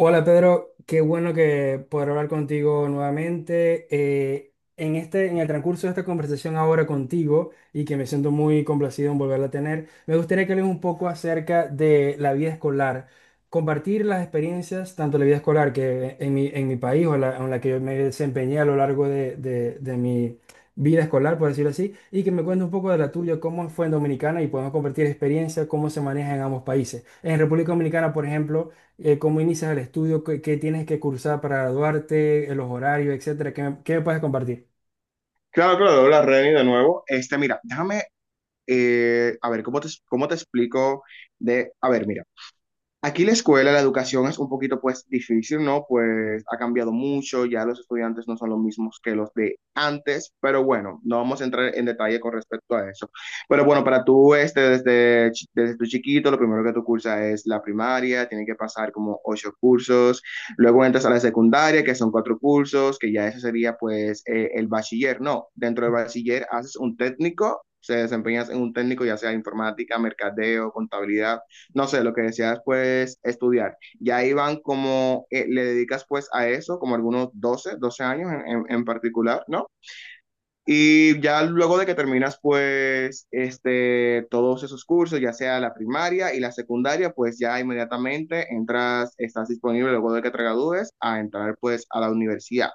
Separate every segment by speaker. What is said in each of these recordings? Speaker 1: Hola Pedro, qué bueno que poder hablar contigo nuevamente. En el transcurso de esta conversación ahora contigo y que me siento muy complacido en volverla a tener, me gustaría que hables un poco acerca de la vida escolar, compartir las experiencias, tanto la vida escolar que en en mi país en la que yo me desempeñé a lo largo de mi vida escolar, por decirlo así, y que me cuentes un poco de la tuya, cómo fue en Dominicana y podemos compartir experiencias, cómo se maneja en ambos países. En República Dominicana, por ejemplo, cómo inicias el estudio, qué tienes que cursar para graduarte, los horarios, etcétera. ¿Qué me puedes compartir?
Speaker 2: Claro, claro, dobla Reni de nuevo. Este, mira, déjame, a ver, cómo te explico? De, a ver, mira. Aquí la escuela, la educación es un poquito pues difícil, ¿no? Pues ha cambiado mucho, ya los estudiantes no son los mismos que los de antes, pero bueno, no vamos a entrar en detalle con respecto a eso. Pero bueno, para tú, este, desde, desde tu chiquito, lo primero que tú cursas es la primaria, tiene que pasar como 8 cursos, luego entras a la secundaria, que son 4 cursos, que ya eso sería pues el bachiller, ¿no? Dentro del bachiller haces un técnico, se desempeñas en un técnico, ya sea informática, mercadeo, contabilidad, no sé, lo que decías pues estudiar. Y ahí van como, le dedicas pues a eso, como algunos doce años en particular, ¿no? Y ya luego de que terminas pues este, todos esos cursos, ya sea la primaria y la secundaria, pues ya inmediatamente entras, estás disponible luego de que te gradúes a entrar pues a la universidad.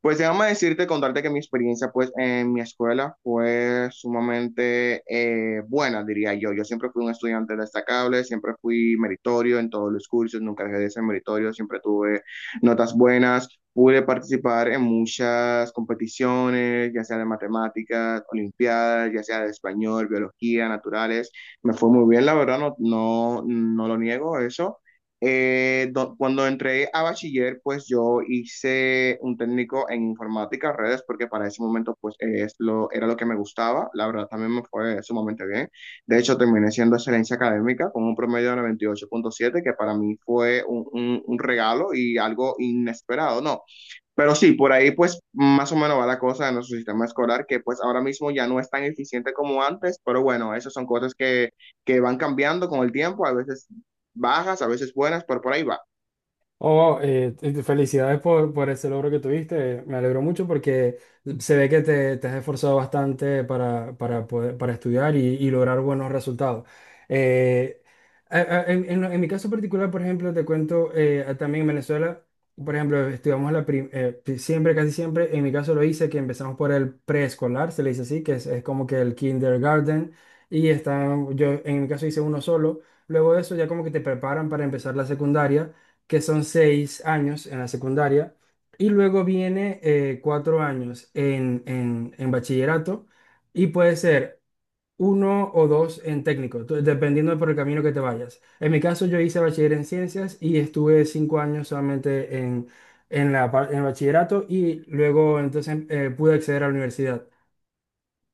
Speaker 2: Pues déjame decirte, contarte que mi experiencia pues en mi escuela fue sumamente buena, diría yo. Yo siempre fui un estudiante destacable, siempre fui meritorio en todos los cursos, nunca dejé de ser meritorio, siempre tuve notas buenas, pude participar en muchas competiciones, ya sea de matemáticas, olimpiadas, ya sea de español, biología, naturales. Me fue muy bien, la verdad, no, no, no lo niego eso. Cuando entré a bachiller, pues yo hice un técnico en informática, redes, porque para ese momento pues era lo que me gustaba. La verdad también me fue sumamente bien. De hecho, terminé siendo excelencia académica con un promedio de 98.7, que para mí fue un regalo y algo inesperado, ¿no? Pero sí, por ahí pues más o menos va la cosa de nuestro sistema escolar, que pues ahora mismo ya no es tan eficiente como antes, pero bueno, esas son cosas que van cambiando con el tiempo, a veces bajas, a veces buenas, pero por ahí va.
Speaker 1: Oh, felicidades por ese logro que tuviste. Me alegro mucho porque se ve que te has esforzado bastante para estudiar y lograr buenos resultados. Eh, en mi caso particular, por ejemplo, te cuento, también en Venezuela, por ejemplo, estudiamos siempre, casi siempre, en mi caso lo hice, que empezamos por el preescolar, se le dice así, que es como que el kindergarten, y está, yo en mi caso hice uno solo. Luego de eso ya como que te preparan para empezar la secundaria, que son 6 años en la secundaria, y luego viene, 4 años en bachillerato, y puede ser uno o dos en técnico, dependiendo por el camino que te vayas. En mi caso, yo hice bachiller en ciencias y estuve 5 años solamente en bachillerato, y luego entonces, pude acceder a la universidad.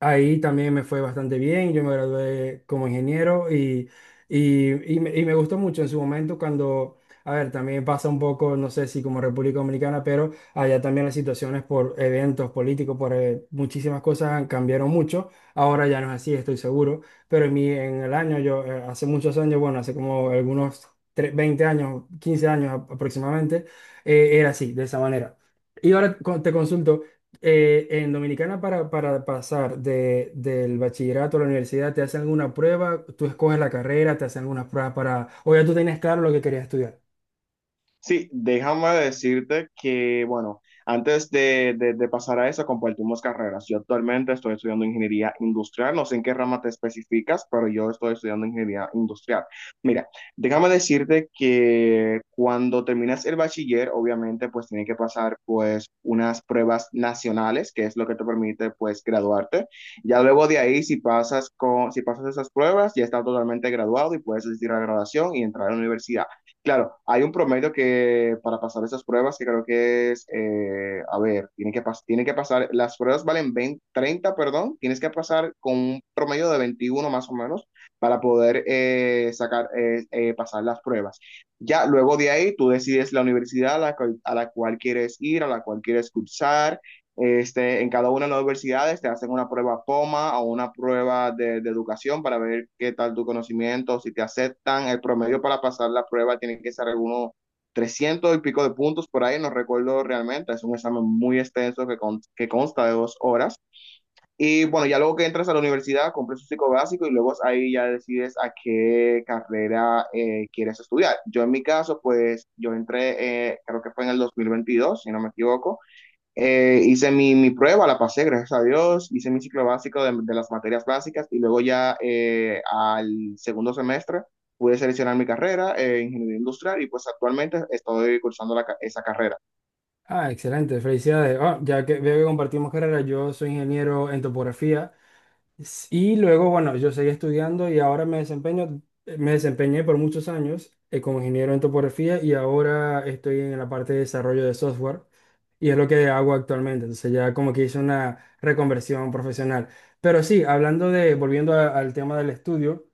Speaker 1: Ahí también me fue bastante bien, yo me gradué como ingeniero, y me gustó mucho en su momento cuando, a ver, también pasa un poco, no sé si como República Dominicana, pero allá también las situaciones por eventos políticos, por muchísimas cosas cambiaron mucho, ahora ya no es así, estoy seguro, pero en, mi, en el año, yo hace muchos años, bueno, hace como algunos 20 años, 15 años aproximadamente, era así, de esa manera. Y ahora te consulto, en Dominicana para pasar del bachillerato a la universidad te hacen alguna prueba, tú escoges la carrera, te hacen algunas pruebas o ya tú tenías claro lo que querías estudiar.
Speaker 2: Sí, déjame decirte que, bueno, de pasar a eso, compartimos carreras. Yo actualmente estoy estudiando ingeniería industrial, no sé en qué rama te especificas, pero yo estoy estudiando ingeniería industrial. Mira, déjame decirte que cuando terminas el bachiller, obviamente, pues tienes que pasar, pues, unas pruebas nacionales, que es lo que te permite, pues, graduarte. Ya luego de ahí, si pasas esas pruebas, ya estás totalmente graduado y puedes asistir a la graduación y entrar a la universidad. Claro, hay un promedio que para pasar esas pruebas que creo que es, a ver, tiene que pasar, las pruebas valen 20, 30, perdón, tienes que pasar con un promedio de 21 más o menos para poder sacar, pasar las pruebas. Ya luego de ahí tú decides la universidad a la cual quieres ir, a la cual quieres cursar, este, en cada una de las universidades te hacen una prueba POMA o una prueba de educación para ver qué tal tu conocimiento, si te aceptan. El promedio para pasar la prueba tiene que ser algunos 300 y pico de puntos por ahí, no recuerdo realmente. Es un examen muy extenso que, que consta de 2 horas. Y bueno, ya luego que entras a la universidad, compras tu psicobásico y luego ahí ya decides a qué carrera quieres estudiar. Yo en mi caso, pues yo entré, creo que fue en el 2022, si no me equivoco. Hice mi prueba, la pasé, gracias a Dios, hice mi ciclo básico de las materias básicas y luego ya al segundo semestre pude seleccionar mi carrera, ingeniería industrial, y pues actualmente estoy cursando esa carrera.
Speaker 1: Ah, excelente, felicidades. Ah, ya que veo que compartimos carrera, yo soy ingeniero en topografía, y luego, bueno, yo seguí estudiando y ahora me desempeñé por muchos años, como ingeniero en topografía, y ahora estoy en la parte de desarrollo de software. Y es lo que hago actualmente. Entonces ya como que hice una reconversión profesional. Pero sí, hablando de, volviendo al tema del estudio,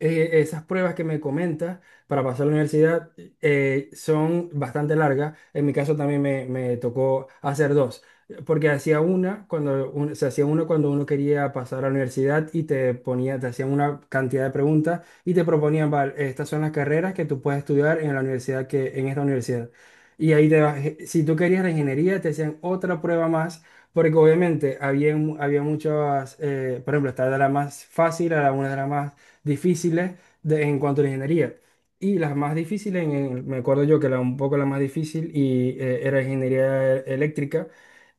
Speaker 1: esas pruebas que me comentas para pasar a la universidad, son bastante largas. En mi caso también me tocó hacer dos, porque hacía una cuando se hacía una cuando uno quería pasar a la universidad y te ponía, te hacían una cantidad de preguntas y te proponían: "Vale, estas son las carreras que tú puedes estudiar en la universidad que en esta universidad". Y ahí te vas, si tú querías la ingeniería, te hacían otra prueba más. Porque obviamente había muchas, por ejemplo, esta era la más fácil, era una de las más difíciles en cuanto a la ingeniería. Y las más difíciles, me acuerdo yo que la, un poco la más difícil era ingeniería eléctrica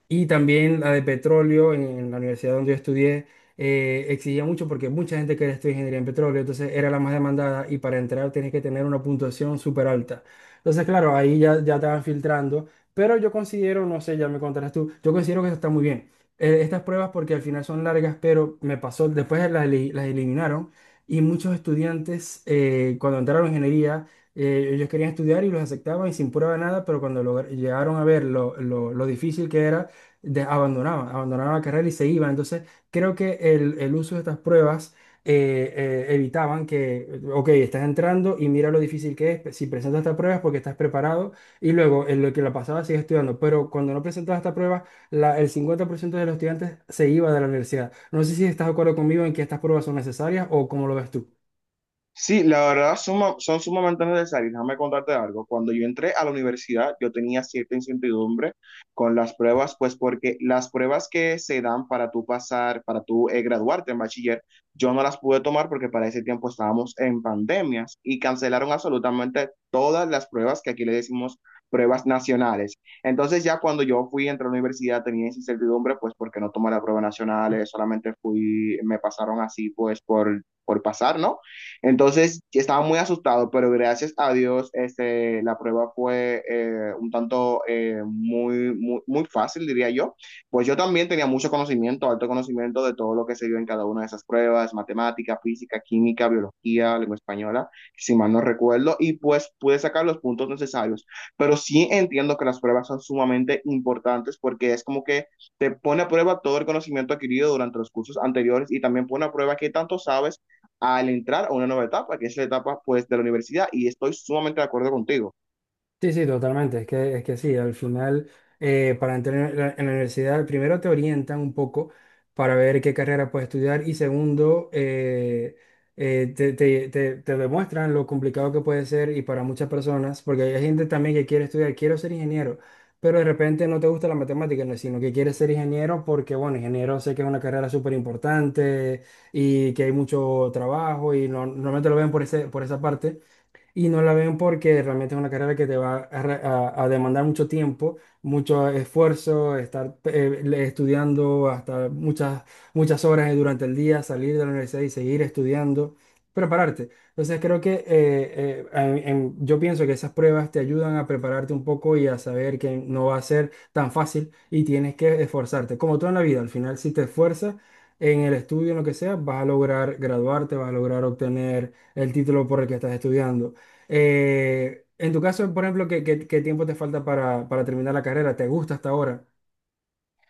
Speaker 1: y también la de petróleo en la universidad donde yo estudié, exigía mucho porque mucha gente quería estudiar ingeniería en petróleo, entonces era la más demandada y para entrar tienes que tener una puntuación súper alta. Entonces, claro, ahí ya te van filtrando, pero yo considero, no sé, ya me contarás tú, yo considero que eso está muy bien. Estas pruebas porque al final son largas, pero me pasó, después las eliminaron y muchos estudiantes, cuando entraron en ingeniería... Ellos querían estudiar y los aceptaban y sin prueba de nada, pero cuando llegaron a ver lo difícil que era, abandonaban la carrera y se iban. Entonces, creo que el uso de estas pruebas, evitaban que, ok, estás entrando y mira lo difícil que es, si presentas estas pruebas porque estás preparado y luego en lo que la pasaba sigues estudiando, pero cuando no presentabas esta prueba, el 50% de los estudiantes se iba de la universidad. No sé si estás de acuerdo conmigo en que estas pruebas son necesarias o cómo lo ves tú.
Speaker 2: Sí, la verdad son sumamente necesarias. Déjame contarte algo. Cuando yo entré a la universidad, yo tenía cierta incertidumbre con las pruebas, pues porque las pruebas que se dan para tú pasar, para tú graduarte en bachiller, yo no las pude tomar porque para ese tiempo estábamos en pandemias y cancelaron absolutamente todas las pruebas que aquí le decimos pruebas nacionales. Entonces ya cuando yo fui, entré a la universidad, tenía esa incertidumbre, pues porque no tomé las pruebas nacionales, solamente fui, me pasaron así, pues por pasar, ¿no? Entonces, estaba muy asustado, pero gracias a Dios, este, la prueba fue un tanto muy, muy, muy fácil, diría yo. Pues yo también tenía mucho conocimiento, alto conocimiento de todo lo que se dio en cada una de esas pruebas, matemática, física, química, biología, lengua española, si mal no recuerdo, y pues pude sacar los puntos necesarios. Pero sí entiendo que las pruebas son sumamente importantes porque es como que te pone a prueba todo el conocimiento adquirido durante los cursos anteriores y también pone a prueba qué tanto sabes al entrar a una nueva etapa, que es la etapa pues de la universidad, y estoy sumamente de acuerdo contigo.
Speaker 1: Sí, sí, totalmente. Es que sí, al final, para entrar en en la universidad, primero te orientan un poco para ver qué carrera puedes estudiar, y segundo, te demuestran lo complicado que puede ser y para muchas personas, porque hay gente también que quiere estudiar, quiero ser ingeniero, pero de repente no te gusta la matemática, no, sino que quieres ser ingeniero porque, bueno, ingeniero sé que es una carrera súper importante y que hay mucho trabajo y normalmente lo ven por esa parte y no la ven porque realmente es una carrera que te va a demandar mucho tiempo, mucho esfuerzo, estar, estudiando hasta muchas, muchas horas durante el día, salir de la universidad y seguir estudiando, prepararte. Entonces creo que yo pienso que esas pruebas te ayudan a prepararte un poco y a saber que no va a ser tan fácil y tienes que esforzarte. Como todo en la vida, al final si te esfuerzas en el estudio, en lo que sea, vas a lograr graduarte, vas a lograr obtener el título por el que estás estudiando. En tu caso, por ejemplo, ¿qué tiempo te falta para terminar la carrera? ¿Te gusta hasta ahora?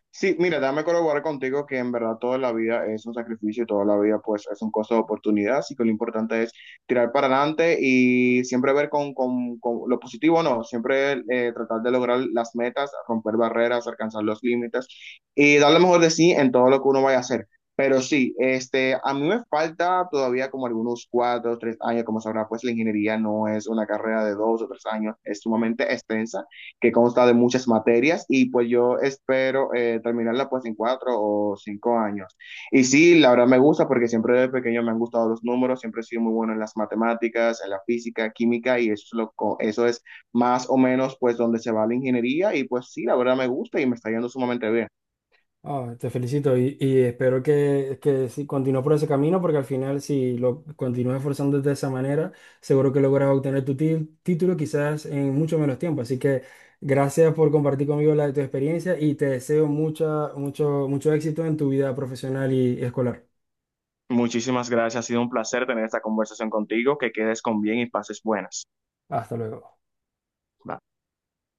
Speaker 2: Sí, mira, dame colaborar contigo que en verdad toda la vida es un sacrificio, toda la vida pues es un costo de oportunidad, así que lo importante es tirar para adelante y siempre ver con lo positivo, no, siempre tratar de lograr las metas, romper barreras, alcanzar los límites y dar lo mejor de sí en todo lo que uno vaya a hacer. Pero sí, este, a mí me falta todavía como algunos 4 o 3 años, como sabrá, pues la ingeniería no es una carrera de 2 o 3 años, es sumamente extensa que consta de muchas materias y pues yo espero terminarla pues en 4 o 5 años. Y sí, la verdad me gusta porque siempre desde pequeño me han gustado los números, siempre he sido muy bueno en las matemáticas, en la física, química y eso es, eso es más o menos pues donde se va la ingeniería y pues sí, la verdad me gusta y me está yendo sumamente bien.
Speaker 1: Ah, te felicito y espero que si continúes por ese camino, porque al final, si lo continúas esforzándote de esa manera, seguro que logras obtener tu título quizás en mucho menos tiempo. Así que gracias por compartir conmigo la de tu experiencia y te deseo mucho éxito en tu vida profesional y escolar.
Speaker 2: Muchísimas gracias, ha sido un placer tener esta conversación contigo, que quedes con bien y pases buenas.
Speaker 1: Hasta luego.
Speaker 2: Bye.